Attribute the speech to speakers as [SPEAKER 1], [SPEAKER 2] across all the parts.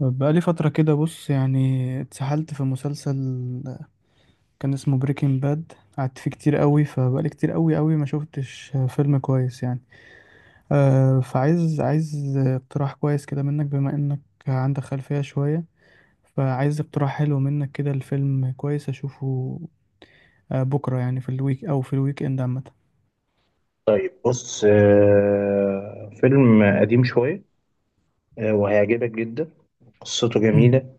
[SPEAKER 1] بقالي فترة كده، بص يعني اتسحلت في مسلسل كان اسمه بريكنج باد. قعدت فيه كتير قوي، فبقالي كتير قوي قوي ما شفتش فيلم كويس يعني. فعايز اقتراح كويس كده منك، بما انك عندك خلفية شوية. فعايز اقتراح حلو منك كده، الفيلم كويس اشوفه بكرة يعني في الويك او في الويك اند عامة.
[SPEAKER 2] بص، فيلم قديم شوية. وهيعجبك جدا. قصته
[SPEAKER 1] أمم،
[SPEAKER 2] جميلة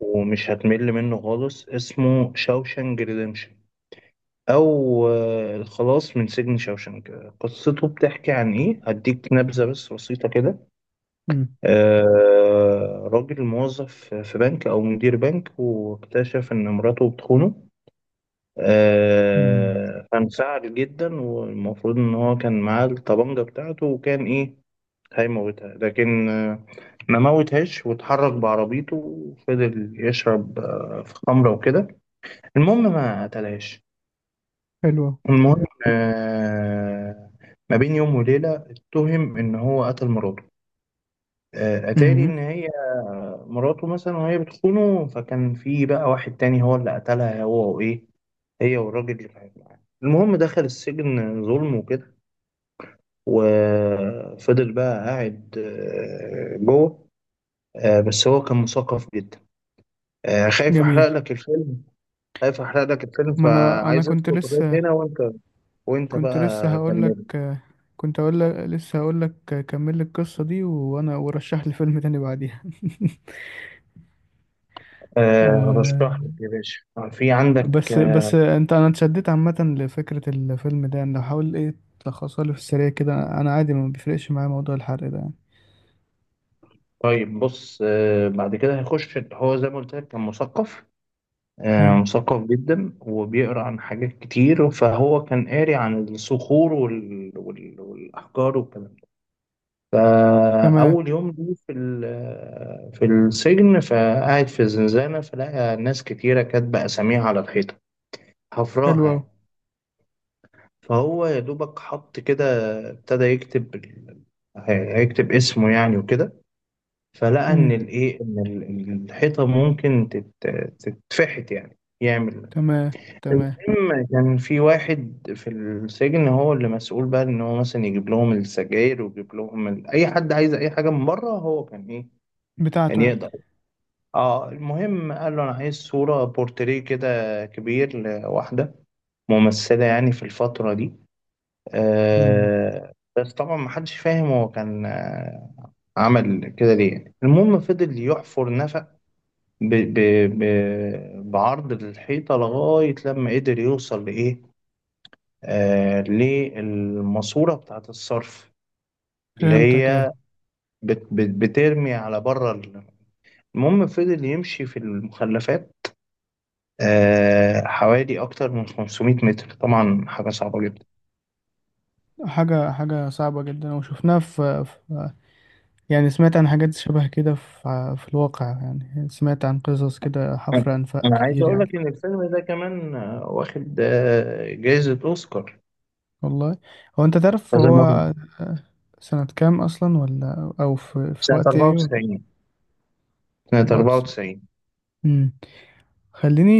[SPEAKER 2] ومش هتمل منه خالص. اسمه شاوشانج ريديمشن، أو الخلاص من سجن شاوشانج. قصته بتحكي عن إيه؟ هديك نبذة بس بسيطة كده.
[SPEAKER 1] أمم،
[SPEAKER 2] راجل موظف في بنك أو مدير بنك، واكتشف إن مراته بتخونه.
[SPEAKER 1] مم.
[SPEAKER 2] فانسعر جدا، والمفروض إن هو كان معاه الطبانجة بتاعته، وكان إيه هيموتها. لكن ما موتهاش، واتحرك بعربيته وفضل يشرب في خمرة وكده. المهم ما قتلهاش.
[SPEAKER 1] حلوة.
[SPEAKER 2] المهم، ما بين يوم وليلة اتهم إن هو قتل مراته. أتاري
[SPEAKER 1] أمم،
[SPEAKER 2] إن هي مراته مثلا وهي بتخونه، فكان في بقى واحد تاني هو اللي قتلها، هو وإيه، هي والراجل اللي كانت معاه. المهم دخل السجن ظلم وكده، وفضل بقى قاعد جوه. بس هو كان مثقف جدا. آه، خايف احرق
[SPEAKER 1] جميل.
[SPEAKER 2] لك الفيلم خايف احرق لك الفيلم،
[SPEAKER 1] ما انا
[SPEAKER 2] فعايز
[SPEAKER 1] كنت
[SPEAKER 2] اسكت لغايه
[SPEAKER 1] لسه،
[SPEAKER 2] هنا. وانت
[SPEAKER 1] كنت لسه
[SPEAKER 2] بقى
[SPEAKER 1] هقول لك.
[SPEAKER 2] كمل.
[SPEAKER 1] كنت اقول لك، لسه هقول لك كمل لي القصه دي وانا ورشح لي فيلم تاني بعديها. آه.
[SPEAKER 2] هشرح لك يا باشا. آه، في عندك
[SPEAKER 1] بس
[SPEAKER 2] آه،
[SPEAKER 1] بس انا اتشددت عامه لفكره الفيلم ده يعني، لو حاول ايه، تلخصها لي في السريع كده. انا عادي ما بيفرقش معايا موضوع الحرق ده يعني.
[SPEAKER 2] طيب بص، بعد كده هيخش. هو زي ما قلت لك كان مثقف،
[SPEAKER 1] مم.
[SPEAKER 2] مثقف جدا وبيقرا عن حاجات كتير. فهو كان قاري عن الصخور والاحجار والكلام ده.
[SPEAKER 1] تمام.
[SPEAKER 2] فأول يوم لي في السجن، فقاعد في الزنزانة، فلقى ناس كتيرة كاتبة أساميها على الحيطة،
[SPEAKER 1] حلو
[SPEAKER 2] حفراها
[SPEAKER 1] قوي.
[SPEAKER 2] يعني. فهو يا دوبك حط كده، ابتدى هيكتب اسمه يعني وكده. فلقى إن
[SPEAKER 1] امم.
[SPEAKER 2] الإيه، إن الحيطة ممكن تتفحت يعني، يعمل.
[SPEAKER 1] تمام، تمام.
[SPEAKER 2] المهم كان في واحد في السجن هو اللي مسؤول بقى، إن هو مثلا يجيب لهم السجاير ويجيب لهم أي حد عايز أي حاجة من بره، هو كان إيه، كان
[SPEAKER 1] بتاعته يعني.
[SPEAKER 2] يقدر. اه المهم قال له: انا عايز صورة بورتريه كده كبير لواحدة ممثلة يعني، في الفترة دي.
[SPEAKER 1] مم.
[SPEAKER 2] آه بس طبعا ما حدش فاهم هو كان عمل كده ليه يعني. المهم فضل يحفر نفق ب ب ب بعرض الحيطة، لغاية لما قدر يوصل لإيه آه للماسورة بتاعة الصرف، اللي
[SPEAKER 1] فهمتك،
[SPEAKER 2] هي
[SPEAKER 1] ايوه.
[SPEAKER 2] بت بت بترمي على بره المهم فضل يمشي في المخلفات، حوالي أكتر من 500 متر، طبعا حاجة صعبة جدا.
[SPEAKER 1] حاجه صعبه جدا، وشفناها في، يعني سمعت عن حاجات شبه كده في في الواقع. يعني سمعت عن قصص كده،
[SPEAKER 2] أنا
[SPEAKER 1] حفر أنفاق
[SPEAKER 2] أنا عايز
[SPEAKER 1] كتير
[SPEAKER 2] أقول
[SPEAKER 1] يعني.
[SPEAKER 2] لك إن الفيلم ده كمان واخد جايزة أوسكار،
[SPEAKER 1] والله، هو أنت تعرف
[SPEAKER 2] هذا مرة.
[SPEAKER 1] هو سنة كام أصلا، ولا أو في
[SPEAKER 2] سنة
[SPEAKER 1] وقت إيه ولا؟
[SPEAKER 2] 94. سنة
[SPEAKER 1] بعد سنة.
[SPEAKER 2] 94.
[SPEAKER 1] مم. خليني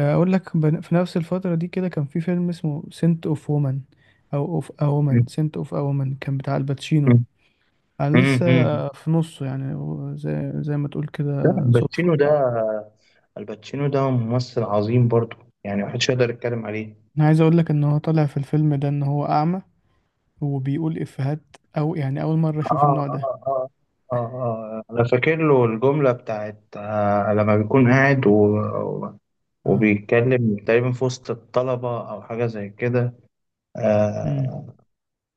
[SPEAKER 1] أقول لك، في نفس الفترة دي كده كان في فيلم اسمه سنت أوف وومن. أو أوف أ وومن،
[SPEAKER 2] م-
[SPEAKER 1] سنت أوف أ وومن، كان بتاع الباتشينو.
[SPEAKER 2] م-
[SPEAKER 1] أنا
[SPEAKER 2] م-
[SPEAKER 1] لسه
[SPEAKER 2] م.
[SPEAKER 1] في نصه يعني. هو زي ما تقول
[SPEAKER 2] لا،
[SPEAKER 1] كده صدفة.
[SPEAKER 2] الباتشينو ده، ممثل عظيم برضه، يعني محدش يقدر يتكلم عليه.
[SPEAKER 1] أنا عايز أقول لك إن هو طالع في الفيلم ده إن هو أعمى، وبيقول إفيهات، أو يعني أول مرة أشوف
[SPEAKER 2] آه
[SPEAKER 1] النوع ده.
[SPEAKER 2] آه آه أنا فاكر له الجملة بتاعت لما بيكون قاعد و-
[SPEAKER 1] اه.
[SPEAKER 2] وبيتكلم تقريبا في وسط الطلبة أو حاجة زي كده.
[SPEAKER 1] امم.
[SPEAKER 2] آه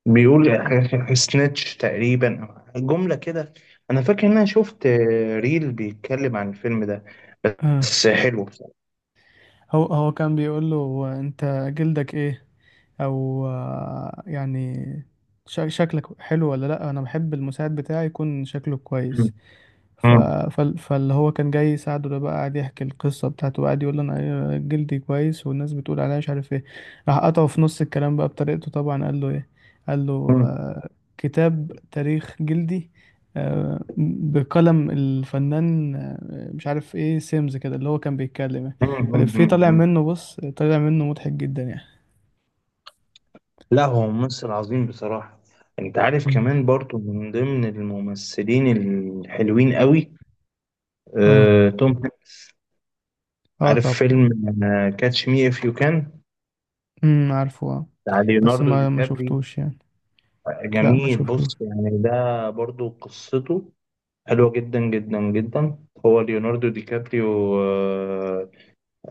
[SPEAKER 2] بيقول سنيتش تقريبا، أو جملة كده. أنا فاكر إن أنا شفت ريل بيتكلم عن الفيلم ده،
[SPEAKER 1] اه.
[SPEAKER 2] بس حلو بصراحة.
[SPEAKER 1] هو كان بيقول له: أنت جلدك إيه؟ أو يعني شكلك حلو ولا لأ؟ أنا بحب المساعد بتاعي يكون شكله
[SPEAKER 2] مم.
[SPEAKER 1] كويس. ف...
[SPEAKER 2] مم.
[SPEAKER 1] فاللي هو كان جاي يساعده ده بقى قاعد يحكي القصة بتاعته، وقاعد يقول: انا إيه، جلدي كويس والناس بتقول عليا مش عارف ايه. راح قطعه في نص الكلام بقى بطريقته طبعا، قال له ايه، قال له
[SPEAKER 2] مم.
[SPEAKER 1] آه، كتاب تاريخ جلدي بقلم الفنان مش عارف ايه سيمز كده، اللي هو كان بيتكلم يعني.
[SPEAKER 2] مم.
[SPEAKER 1] فالإفيه
[SPEAKER 2] مم.
[SPEAKER 1] طالع
[SPEAKER 2] مم.
[SPEAKER 1] منه بص، طالع منه مضحك جدا يعني.
[SPEAKER 2] لا، هو ممثل عظيم بصراحة. أنت عارف
[SPEAKER 1] مم.
[SPEAKER 2] كمان برضو من ضمن الممثلين الحلوين قوي
[SPEAKER 1] اه.
[SPEAKER 2] توم هانكس؟
[SPEAKER 1] اه
[SPEAKER 2] عارف
[SPEAKER 1] طبعا.
[SPEAKER 2] فيلم كاتش مي اف يو كان،
[SPEAKER 1] امم، عارفه، اه.
[SPEAKER 2] بتاع
[SPEAKER 1] بس
[SPEAKER 2] ليوناردو دي
[SPEAKER 1] ما
[SPEAKER 2] كابري؟
[SPEAKER 1] شفتوش يعني. لا ما
[SPEAKER 2] جميل. بص
[SPEAKER 1] شفتوش.
[SPEAKER 2] يعني، ده برضو قصته حلوة جدا جدا جدا. هو ليوناردو دي كابريو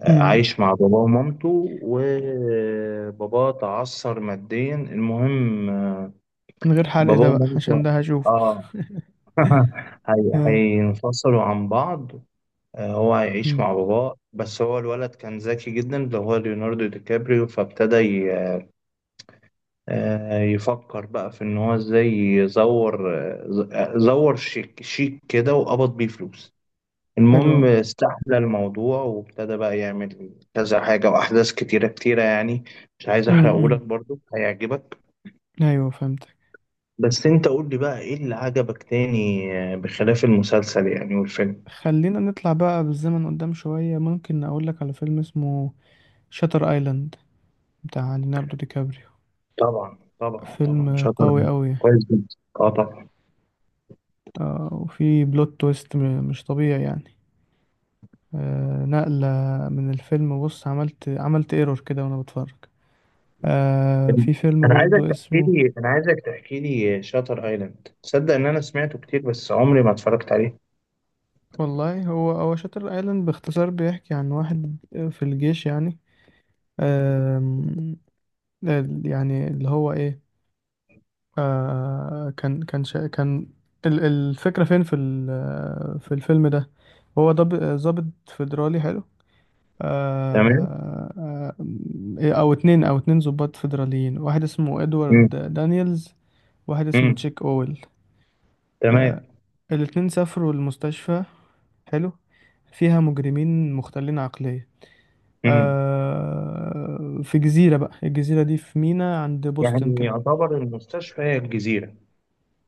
[SPEAKER 2] عايش مع باباه ومامته، وباباه تعثر ماديا. المهم،
[SPEAKER 1] من غير حلق
[SPEAKER 2] باباه
[SPEAKER 1] ده بقى، عشان
[SPEAKER 2] ومامته،
[SPEAKER 1] ده هشوفه.
[SPEAKER 2] اه.
[SPEAKER 1] آه.
[SPEAKER 2] هينفصلوا عن بعض. هو هيعيش
[SPEAKER 1] مم.
[SPEAKER 2] مع باباه، بس هو الولد كان ذكي جدا، اللي هو ليوناردو دي كابريو. فابتدى يفكر بقى في ان هو ازاي يزور، زور شيك شيك كده، وقبض بيه فلوس.
[SPEAKER 1] حلو
[SPEAKER 2] المهم
[SPEAKER 1] أوي.
[SPEAKER 2] استحمل الموضوع، وابتدى بقى يعمل كذا حاجة وأحداث كتيرة كتيرة يعني. مش عايز
[SPEAKER 1] مم.
[SPEAKER 2] أحرقهولك،
[SPEAKER 1] مم.
[SPEAKER 2] برضو هيعجبك.
[SPEAKER 1] أيوه فهمتك.
[SPEAKER 2] بس أنت قول لي بقى، إيه اللي عجبك تاني، بخلاف المسلسل يعني والفيلم؟
[SPEAKER 1] خلينا نطلع بقى بالزمن قدام شوية، ممكن أقولك على فيلم اسمه شاتر آيلاند، بتاع ليوناردو دي كابريو،
[SPEAKER 2] طبعا طبعا طبعا،
[SPEAKER 1] فيلم
[SPEAKER 2] شاطر.
[SPEAKER 1] قوي أوي.
[SPEAKER 2] كويس جدا. اه طبعا.
[SPEAKER 1] وفي بلوت تويست مش طبيعي يعني. نقلة من الفيلم. بص، عملت ايرور كده وأنا بتفرج. في فيلم برضو اسمه.
[SPEAKER 2] أنا عايزك تحكي لي شاتر أيلاند. تصدق إن أنا سمعته كتير بس عمري ما اتفرجت عليه؟
[SPEAKER 1] والله هو شاتر ايلاند، باختصار بيحكي عن واحد في الجيش يعني. آم، يعني اللي هو ايه. آه، كان الفكرة فين في في الفيلم ده. هو ضابط فيدرالي حلو.
[SPEAKER 2] تمام.
[SPEAKER 1] آه. آه، او اتنين ضباط فيدراليين. واحد اسمه ادوارد
[SPEAKER 2] مم.
[SPEAKER 1] دانييلز، واحد اسمه
[SPEAKER 2] مم.
[SPEAKER 1] تشيك اويل. آه.
[SPEAKER 2] تمام.
[SPEAKER 1] الاتنين سافروا المستشفى. حلو. فيها مجرمين مختلين عقلية،
[SPEAKER 2] مم.
[SPEAKER 1] آه في جزيرة بقى. الجزيرة دي في ميناء عند بوسطن
[SPEAKER 2] يعني
[SPEAKER 1] كده.
[SPEAKER 2] يعتبر المستشفى هي الجزيرة.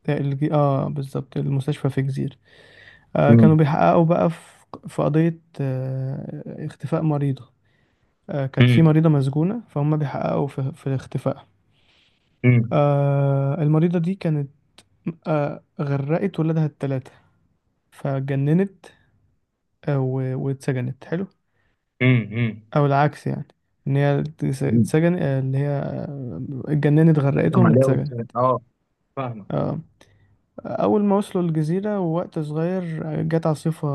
[SPEAKER 1] اه، بالظبط، المستشفى في جزيرة. آه، كانوا
[SPEAKER 2] مم.
[SPEAKER 1] بيحققوا بقى في قضية آه اختفاء مريضة. آه، كانت في
[SPEAKER 2] مم.
[SPEAKER 1] مريضة مسجونة، فهم بيحققوا في اختفائها.
[SPEAKER 2] امم.
[SPEAKER 1] آه، المريضة دي كانت آه غرقت ولادها التلاتة فجننت، آه واتسجنت. حلو.
[SPEAKER 2] امم.
[SPEAKER 1] أو العكس يعني، إن هي
[SPEAKER 2] مم.
[SPEAKER 1] اتسجن، اللي هي اتجننت،
[SPEAKER 2] فاهم
[SPEAKER 1] غرقتهم،
[SPEAKER 2] عليها
[SPEAKER 1] اتسجنت.
[SPEAKER 2] والسلام. اه، فاهمك، فاهم.
[SPEAKER 1] آه. أول ما وصلوا الجزيرة ووقت صغير، جت عاصفة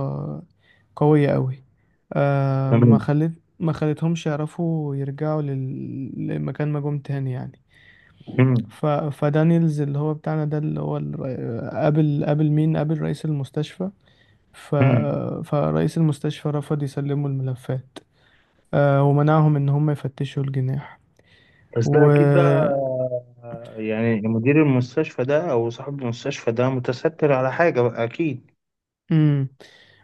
[SPEAKER 1] قوية أوي، ما
[SPEAKER 2] تمام.
[SPEAKER 1] خلت، ما خلتهمش يعرفوا يرجعوا لمكان ما جم تاني يعني.
[SPEAKER 2] امم.
[SPEAKER 1] فدانيلز اللي هو بتاعنا ده، اللي هو قابل، قابل مين، قابل رئيس المستشفى. ف...
[SPEAKER 2] امم.
[SPEAKER 1] فرئيس المستشفى رفض يسلموا الملفات، ومنعهم إن هم يفتشوا الجناح.
[SPEAKER 2] بس ده
[SPEAKER 1] و...
[SPEAKER 2] اكيد بقى، يعني مدير المستشفى ده او صاحب المستشفى ده متستر على حاجه بقى اكيد.
[SPEAKER 1] امم.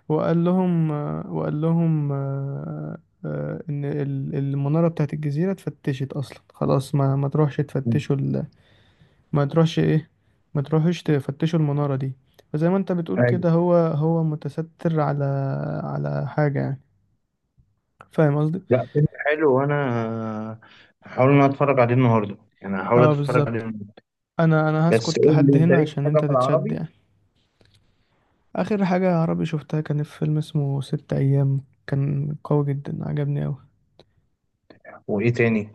[SPEAKER 1] وقال لهم، وقال لهم آه، ان المناره بتاعت الجزيره اتفتشت اصلا خلاص. ما تروحش
[SPEAKER 2] مم.
[SPEAKER 1] تفتشوا ما تروحش ايه، ما تروحش تفتشوا المناره دي. فزي ما انت بتقول كده،
[SPEAKER 2] ايوه.
[SPEAKER 1] هو متستر على حاجه يعني، فاهم قصدي.
[SPEAKER 2] لا، فيلم حلو، وانا آه، هحاول ان أنا اتفرج عليه النهارده، يعني هحاول
[SPEAKER 1] اه،
[SPEAKER 2] اتفرج عليه
[SPEAKER 1] بالظبط.
[SPEAKER 2] النهارده.
[SPEAKER 1] انا
[SPEAKER 2] بس
[SPEAKER 1] هسكت
[SPEAKER 2] قول
[SPEAKER 1] لحد
[SPEAKER 2] لي انت،
[SPEAKER 1] هنا
[SPEAKER 2] ليك
[SPEAKER 1] عشان
[SPEAKER 2] حاجه
[SPEAKER 1] انت
[SPEAKER 2] في
[SPEAKER 1] تتشد
[SPEAKER 2] العربي؟
[SPEAKER 1] يعني. اخر حاجه عربي شفتها كانت في فيلم اسمه ست ايام، كان قوي جدا عجبني أوي.
[SPEAKER 2] وايه تاني؟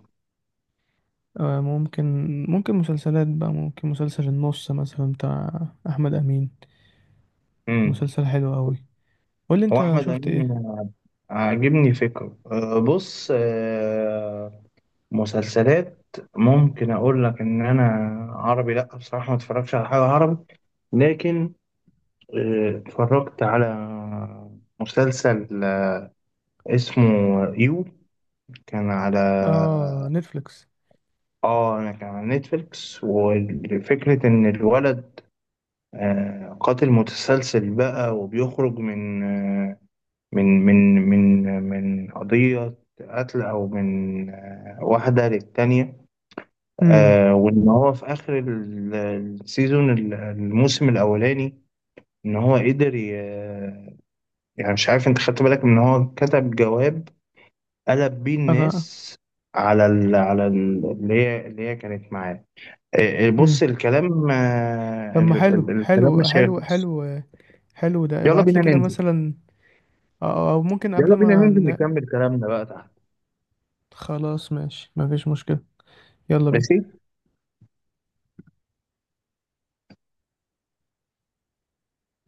[SPEAKER 1] آه، ممكن ممكن مسلسلات بقى. ممكن مسلسل النص مثلا، بتاع احمد امين،
[SPEAKER 2] امم.
[SPEAKER 1] مسلسل حلو قوي. قول لي
[SPEAKER 2] هو
[SPEAKER 1] انت
[SPEAKER 2] احمد
[SPEAKER 1] شفت ايه.
[SPEAKER 2] امين، عاجبني فكره. بص، مسلسلات، ممكن اقول لك ان انا عربي، لا بصراحه ما اتفرجش على حاجه عربي. لكن اتفرجت على مسلسل اسمه يو، كان على.
[SPEAKER 1] اه، نتفليكس.
[SPEAKER 2] اه، انا كان على نتفليكس. وفكره ان الولد قاتل متسلسل بقى، وبيخرج من آه، من من من آه، من قضيه قتل، او من واحده للتانيه.
[SPEAKER 1] امم،
[SPEAKER 2] وان هو في اخر الموسم الاولاني، ان هو قدر، يعني مش عارف انت خدت بالك من ان هو كتب جواب قلب بيه
[SPEAKER 1] انا،
[SPEAKER 2] الناس على اللي هي كانت معاه.
[SPEAKER 1] امم.
[SPEAKER 2] بص الكلام،
[SPEAKER 1] طب ما حلو
[SPEAKER 2] الكلام
[SPEAKER 1] حلو
[SPEAKER 2] مش
[SPEAKER 1] حلو
[SPEAKER 2] هيخلص.
[SPEAKER 1] حلو. حلو ده،
[SPEAKER 2] يلا
[SPEAKER 1] ابعت لي
[SPEAKER 2] بينا
[SPEAKER 1] كده
[SPEAKER 2] ننزل
[SPEAKER 1] مثلا. او ممكن قبل
[SPEAKER 2] يلا بينا
[SPEAKER 1] ما
[SPEAKER 2] ننزل نكمل كلامنا بقى تحت.
[SPEAKER 1] خلاص، ماشي، مفيش مشكلة. يلا بينا.
[SPEAKER 2] ماشي.